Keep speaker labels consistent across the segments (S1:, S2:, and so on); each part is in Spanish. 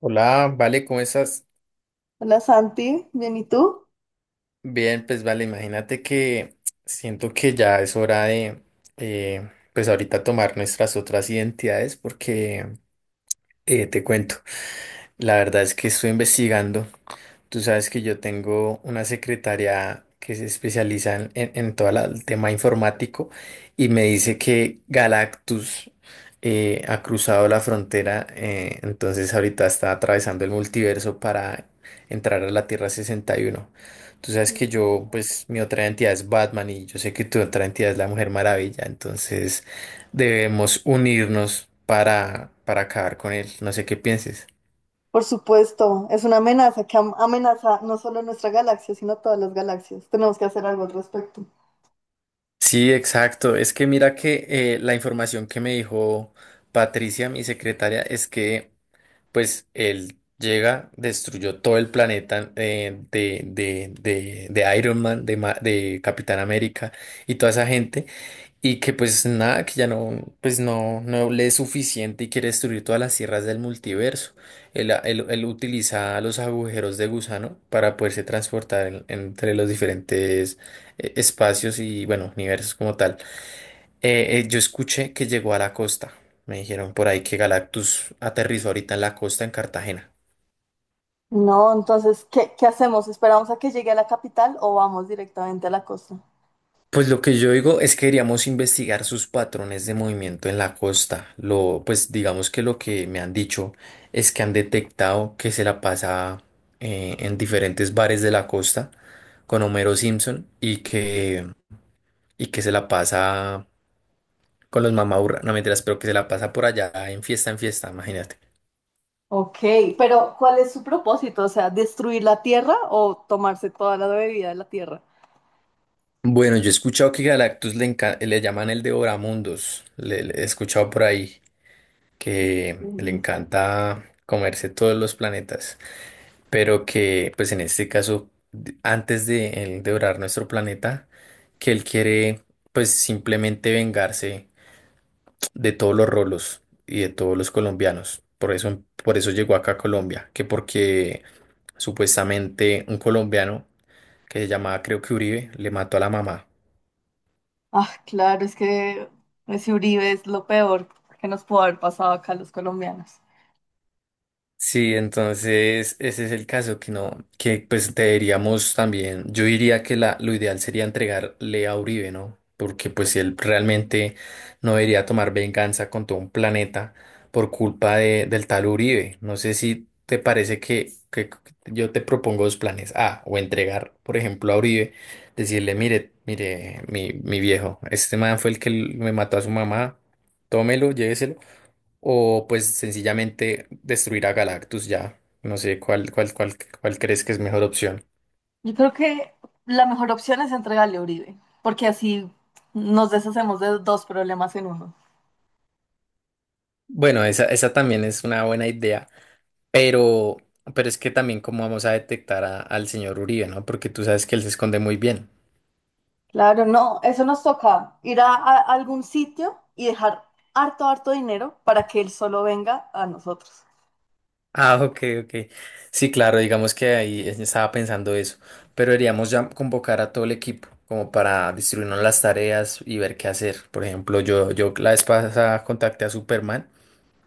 S1: Hola, vale, ¿cómo estás?
S2: Hola Santi, bien, ¿y tú?
S1: Bien, pues vale, imagínate que siento que ya es hora de, pues ahorita tomar nuestras otras identidades porque te cuento, la verdad es que estoy investigando. Tú sabes que yo tengo una secretaria que se especializa en todo el tema informático y me dice que Galactus ha cruzado la frontera, entonces ahorita está atravesando el multiverso para entrar a la Tierra 61. Tú sabes que yo,
S2: Ujú.
S1: pues mi otra entidad es Batman y yo sé que tu otra entidad es la Mujer Maravilla, entonces debemos unirnos para acabar con él. No sé qué pienses.
S2: Por supuesto, es una amenaza que amenaza no solo nuestra galaxia, sino todas las galaxias. Tenemos que hacer algo al respecto.
S1: Sí, exacto. Es que mira que la información que me dijo Patricia, mi secretaria, es que pues él llega, destruyó todo el planeta de Iron Man, de Capitán América y toda esa gente. Y que pues nada, que ya no, pues no, no le es suficiente y quiere destruir todas las tierras del multiverso. Él utiliza los agujeros de gusano para poderse transportar entre los diferentes espacios y bueno, universos como tal. Yo escuché que llegó a la costa. Me dijeron por ahí que Galactus aterrizó ahorita en la costa en Cartagena.
S2: No, entonces, ¿qué hacemos? ¿Esperamos a que llegue a la capital o vamos directamente a la costa?
S1: Pues lo que yo digo es que deberíamos investigar sus patrones de movimiento en la costa. Lo, pues digamos que lo que me han dicho es que han detectado que se la pasa en diferentes bares de la costa con Homero Simpson y que se la pasa con los mamaburra. No mentiras, pero que se la pasa por allá en fiesta, imagínate.
S2: Ok, pero ¿cuál es su propósito? O sea, ¿destruir la Tierra o tomarse toda la bebida de la Tierra?
S1: Bueno, yo he escuchado que Galactus le llaman el Devoramundos. Le he escuchado por ahí que le
S2: Mm.
S1: encanta comerse todos los planetas. Pero que pues en este caso, antes de él devorar nuestro planeta, que él quiere pues simplemente vengarse de todos los rolos y de todos los colombianos. Por eso llegó acá a Colombia, que porque supuestamente un colombiano que se llamaba creo que Uribe le mató a la mamá.
S2: Ah, claro, es que ese Uribe es lo peor que nos pudo haber pasado acá a los colombianos.
S1: Sí, entonces ese es el caso que no, que pues deberíamos también, yo diría que la, lo ideal sería entregarle a Uribe, ¿no? Porque pues si él realmente no debería tomar venganza con todo un planeta por culpa de, del tal Uribe. No sé si te parece que yo te propongo dos planes. A, o entregar, por ejemplo, a Uribe, decirle, mire, mire, mi viejo, este man fue el que me mató a su mamá, tómelo, lléveselo o pues sencillamente destruir a Galactus ya. No sé cuál crees que es mejor opción.
S2: Yo creo que la mejor opción es entregarle a Uribe, porque así nos deshacemos de dos problemas en uno.
S1: Bueno, esa también es una buena idea, pero, pero es que también cómo vamos a detectar al señor Uribe, ¿no? Porque tú sabes que él se esconde muy bien.
S2: Claro, no, eso nos toca ir a algún sitio y dejar harto, harto dinero para que él solo venga a nosotros.
S1: Ah, ok, ok. Sí, claro, digamos que ahí estaba pensando eso, pero deberíamos ya convocar a todo el equipo como para distribuirnos las tareas y ver qué hacer. Por ejemplo, yo la vez pasada contacté a Superman.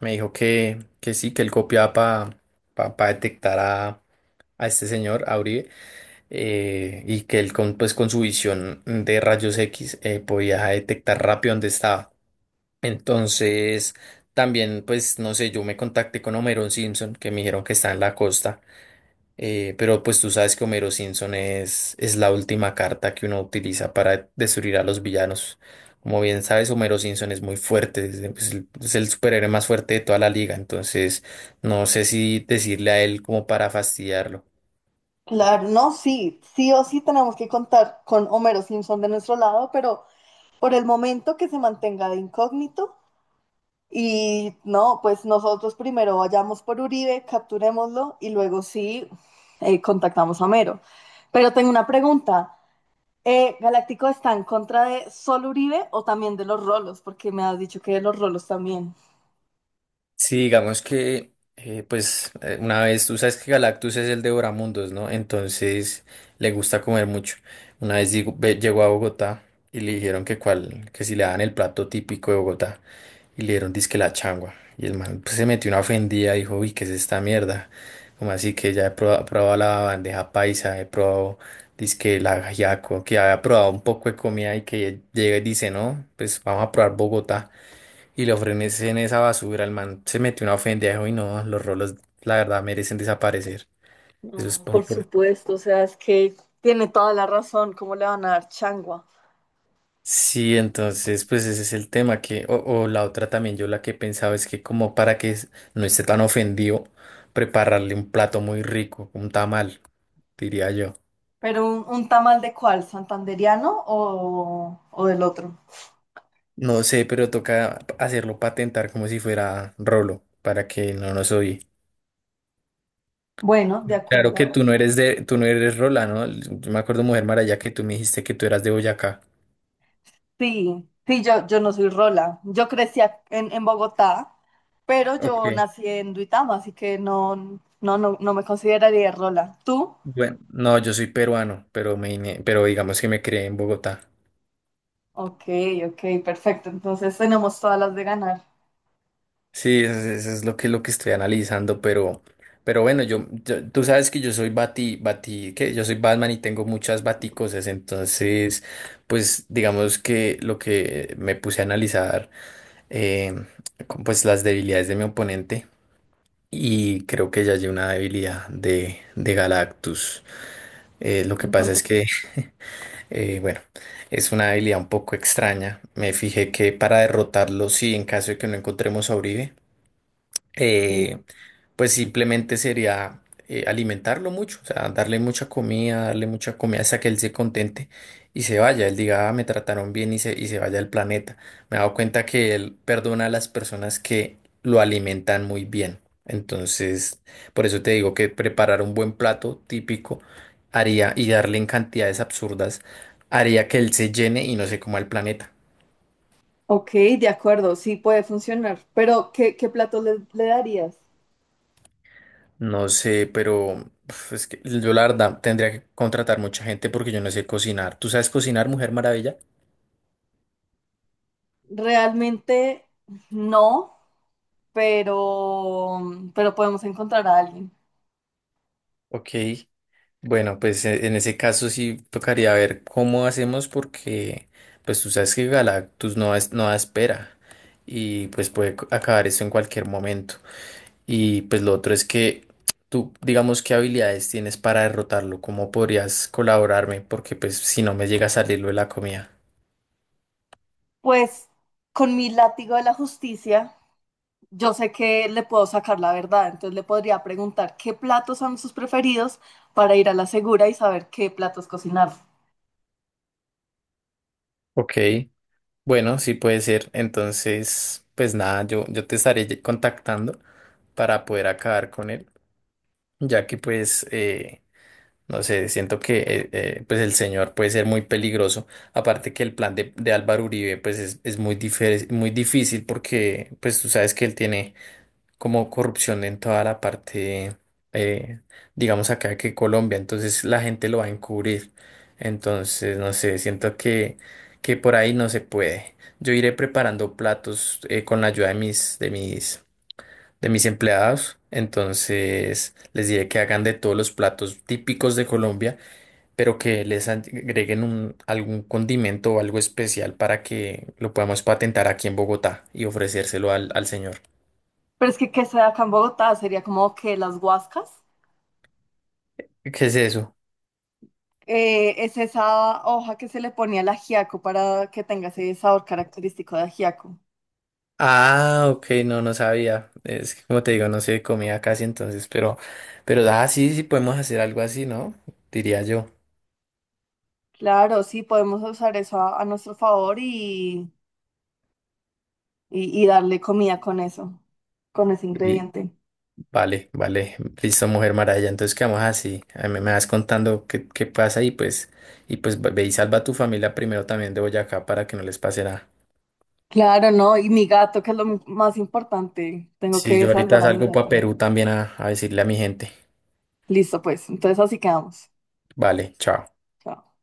S1: Me dijo que sí, que él copiaba para pa detectar a este señor, a Uribe, y que él con, pues, con su visión de rayos X podía detectar rápido dónde estaba. Entonces, también, pues, no sé, yo me contacté con Homerón Simpson, que me dijeron que está en la costa. Pero pues tú sabes que Homero Simpson es la última carta que uno utiliza para destruir a los villanos. Como bien sabes, Homero Simpson es muy fuerte, es es el superhéroe más fuerte de toda la liga, entonces no sé si decirle a él como para fastidiarlo.
S2: Claro, no, sí, sí o sí tenemos que contar con Homero Simpson de nuestro lado, pero por el momento que se mantenga de incógnito. Y no, pues nosotros primero vayamos por Uribe, capturémoslo y luego sí contactamos a Mero. Pero tengo una pregunta. ¿Galáctico está en contra de solo Uribe o también de los rolos? Porque me has dicho que de los rolos también.
S1: Sí, digamos que, una vez, tú sabes que Galactus es el devoramundos, ¿no? Entonces le gusta comer mucho. Una vez llegó a Bogotá y le dijeron que, cuál, que si le daban el plato típico de Bogotá y le dieron disque la changua. Y el man pues, se metió una ofendida y dijo, uy, ¿qué es esta mierda? Como así que ya probado, la bandeja paisa, he probado disque el ajiaco, que había probado un poco de comida y que llega y dice, no, pues vamos a probar Bogotá. Y le ofrecen esa basura, el man se metió una ofendejo y no, los rolos, la verdad, merecen desaparecer. Eso es
S2: No, por
S1: por...
S2: supuesto, o sea, es que tiene toda la razón, ¿cómo le van a dar changua?
S1: Sí, entonces, pues ese es el tema que, o la otra también, yo la que pensaba es que como para que no esté tan ofendido, prepararle un plato muy rico, un tamal, diría yo.
S2: Pero un tamal de cuál, ¿santanderiano o del otro?
S1: No sé, pero toca hacerlo patentar como si fuera rolo, para que no nos oye.
S2: Bueno, de
S1: Claro
S2: acuerdo.
S1: que tú no eres de, tú no eres rola, ¿no? Yo me acuerdo, Mujer Maraya, que tú me dijiste que tú eras de Boyacá.
S2: Sí, sí, yo no soy rola. En Bogotá, pero yo
S1: Ok.
S2: nací en Duitama, así que no me consideraría rola. ¿Tú?
S1: Bueno, no, yo soy peruano, pero pero digamos que me crié en Bogotá.
S2: Ok, ok, perfecto. Entonces tenemos todas las de ganar.
S1: Sí, eso es lo que estoy analizando, pero bueno, tú sabes que yo soy que yo soy Batman y tengo muchas baticosas, entonces, pues digamos que lo que me puse a analizar, eh, con, pues las debilidades de mi oponente y creo que ya hay una debilidad de Galactus. Lo que
S2: Un
S1: pasa es que bueno, es una habilidad un poco extraña. Me fijé que para derrotarlo, sí, en caso de que no encontremos a Uribe, eh,
S2: sí.
S1: pues simplemente sería alimentarlo mucho, o sea, darle mucha comida hasta que él se contente y se vaya, él diga, "Ah, me trataron bien y se vaya al planeta. Me he dado cuenta que él perdona a las personas que lo alimentan muy bien. Entonces, por eso te digo que preparar un buen plato típico haría y darle en cantidades absurdas haría que él se llene y no se coma el planeta.
S2: Ok, de acuerdo, sí puede funcionar. Pero, ¿qué plato le, le darías?
S1: No sé, pero uf, es que yo la verdad tendría que contratar mucha gente porque yo no sé cocinar. ¿Tú sabes cocinar, Mujer Maravilla?
S2: Realmente no, pero, pero podemos encontrar a alguien.
S1: Ok, bueno, pues en ese caso sí tocaría ver cómo hacemos porque pues tú sabes que Galactus no, es, no da espera y pues puede acabar esto en cualquier momento. Y pues lo otro es que tú digamos qué habilidades tienes para derrotarlo, cómo podrías colaborarme porque pues si no me llega a salir lo de la comida.
S2: Pues con mi látigo de la justicia, yo sé que le puedo sacar la verdad, entonces le podría preguntar qué platos son sus preferidos para ir a la segura y saber qué platos cocinar.
S1: Ok. Bueno, sí puede ser. Entonces, pues nada, yo te estaré contactando para poder acabar con él, ya que pues, no sé, siento que pues el señor puede ser muy peligroso. Aparte que el plan de Álvaro Uribe pues es muy, muy difícil porque pues tú sabes que él tiene como corrupción en toda la parte, eh, digamos acá que Colombia, entonces la gente lo va a encubrir. Entonces, no sé, siento que por ahí no se puede. Yo iré preparando platos con la ayuda de de mis empleados. Entonces, les diré que hagan de todos los platos típicos de Colombia, pero que les agreguen un, algún condimento o algo especial para que lo podamos patentar aquí en Bogotá y ofrecérselo al, al señor.
S2: Pero es que sea acá en Bogotá sería como que las guascas.
S1: ¿Qué es eso?
S2: Es esa hoja que se le pone al ajiaco para que tenga ese sabor característico de ajiaco.
S1: Ah, ok, no, no sabía. Es que como te digo, no se comía casi entonces, pero ah, sí, sí podemos hacer algo así, ¿no? Diría yo.
S2: Claro, sí, podemos usar eso a nuestro favor y, y darle comida con eso, con ese
S1: Y,
S2: ingrediente.
S1: vale, vale, listo, Mujer Maravilla. Entonces quedamos así. A mí me vas contando qué, qué pasa y pues ve ve y salva a tu familia primero también de Boyacá para que no les pase nada.
S2: Claro, no, y mi gato, que es lo más importante. Tengo
S1: Sí,
S2: que
S1: yo ahorita
S2: salvar a mi
S1: salgo
S2: gato.
S1: para Perú también a decirle a mi gente.
S2: Listo, pues. Entonces así quedamos.
S1: Vale, chao.
S2: Chao.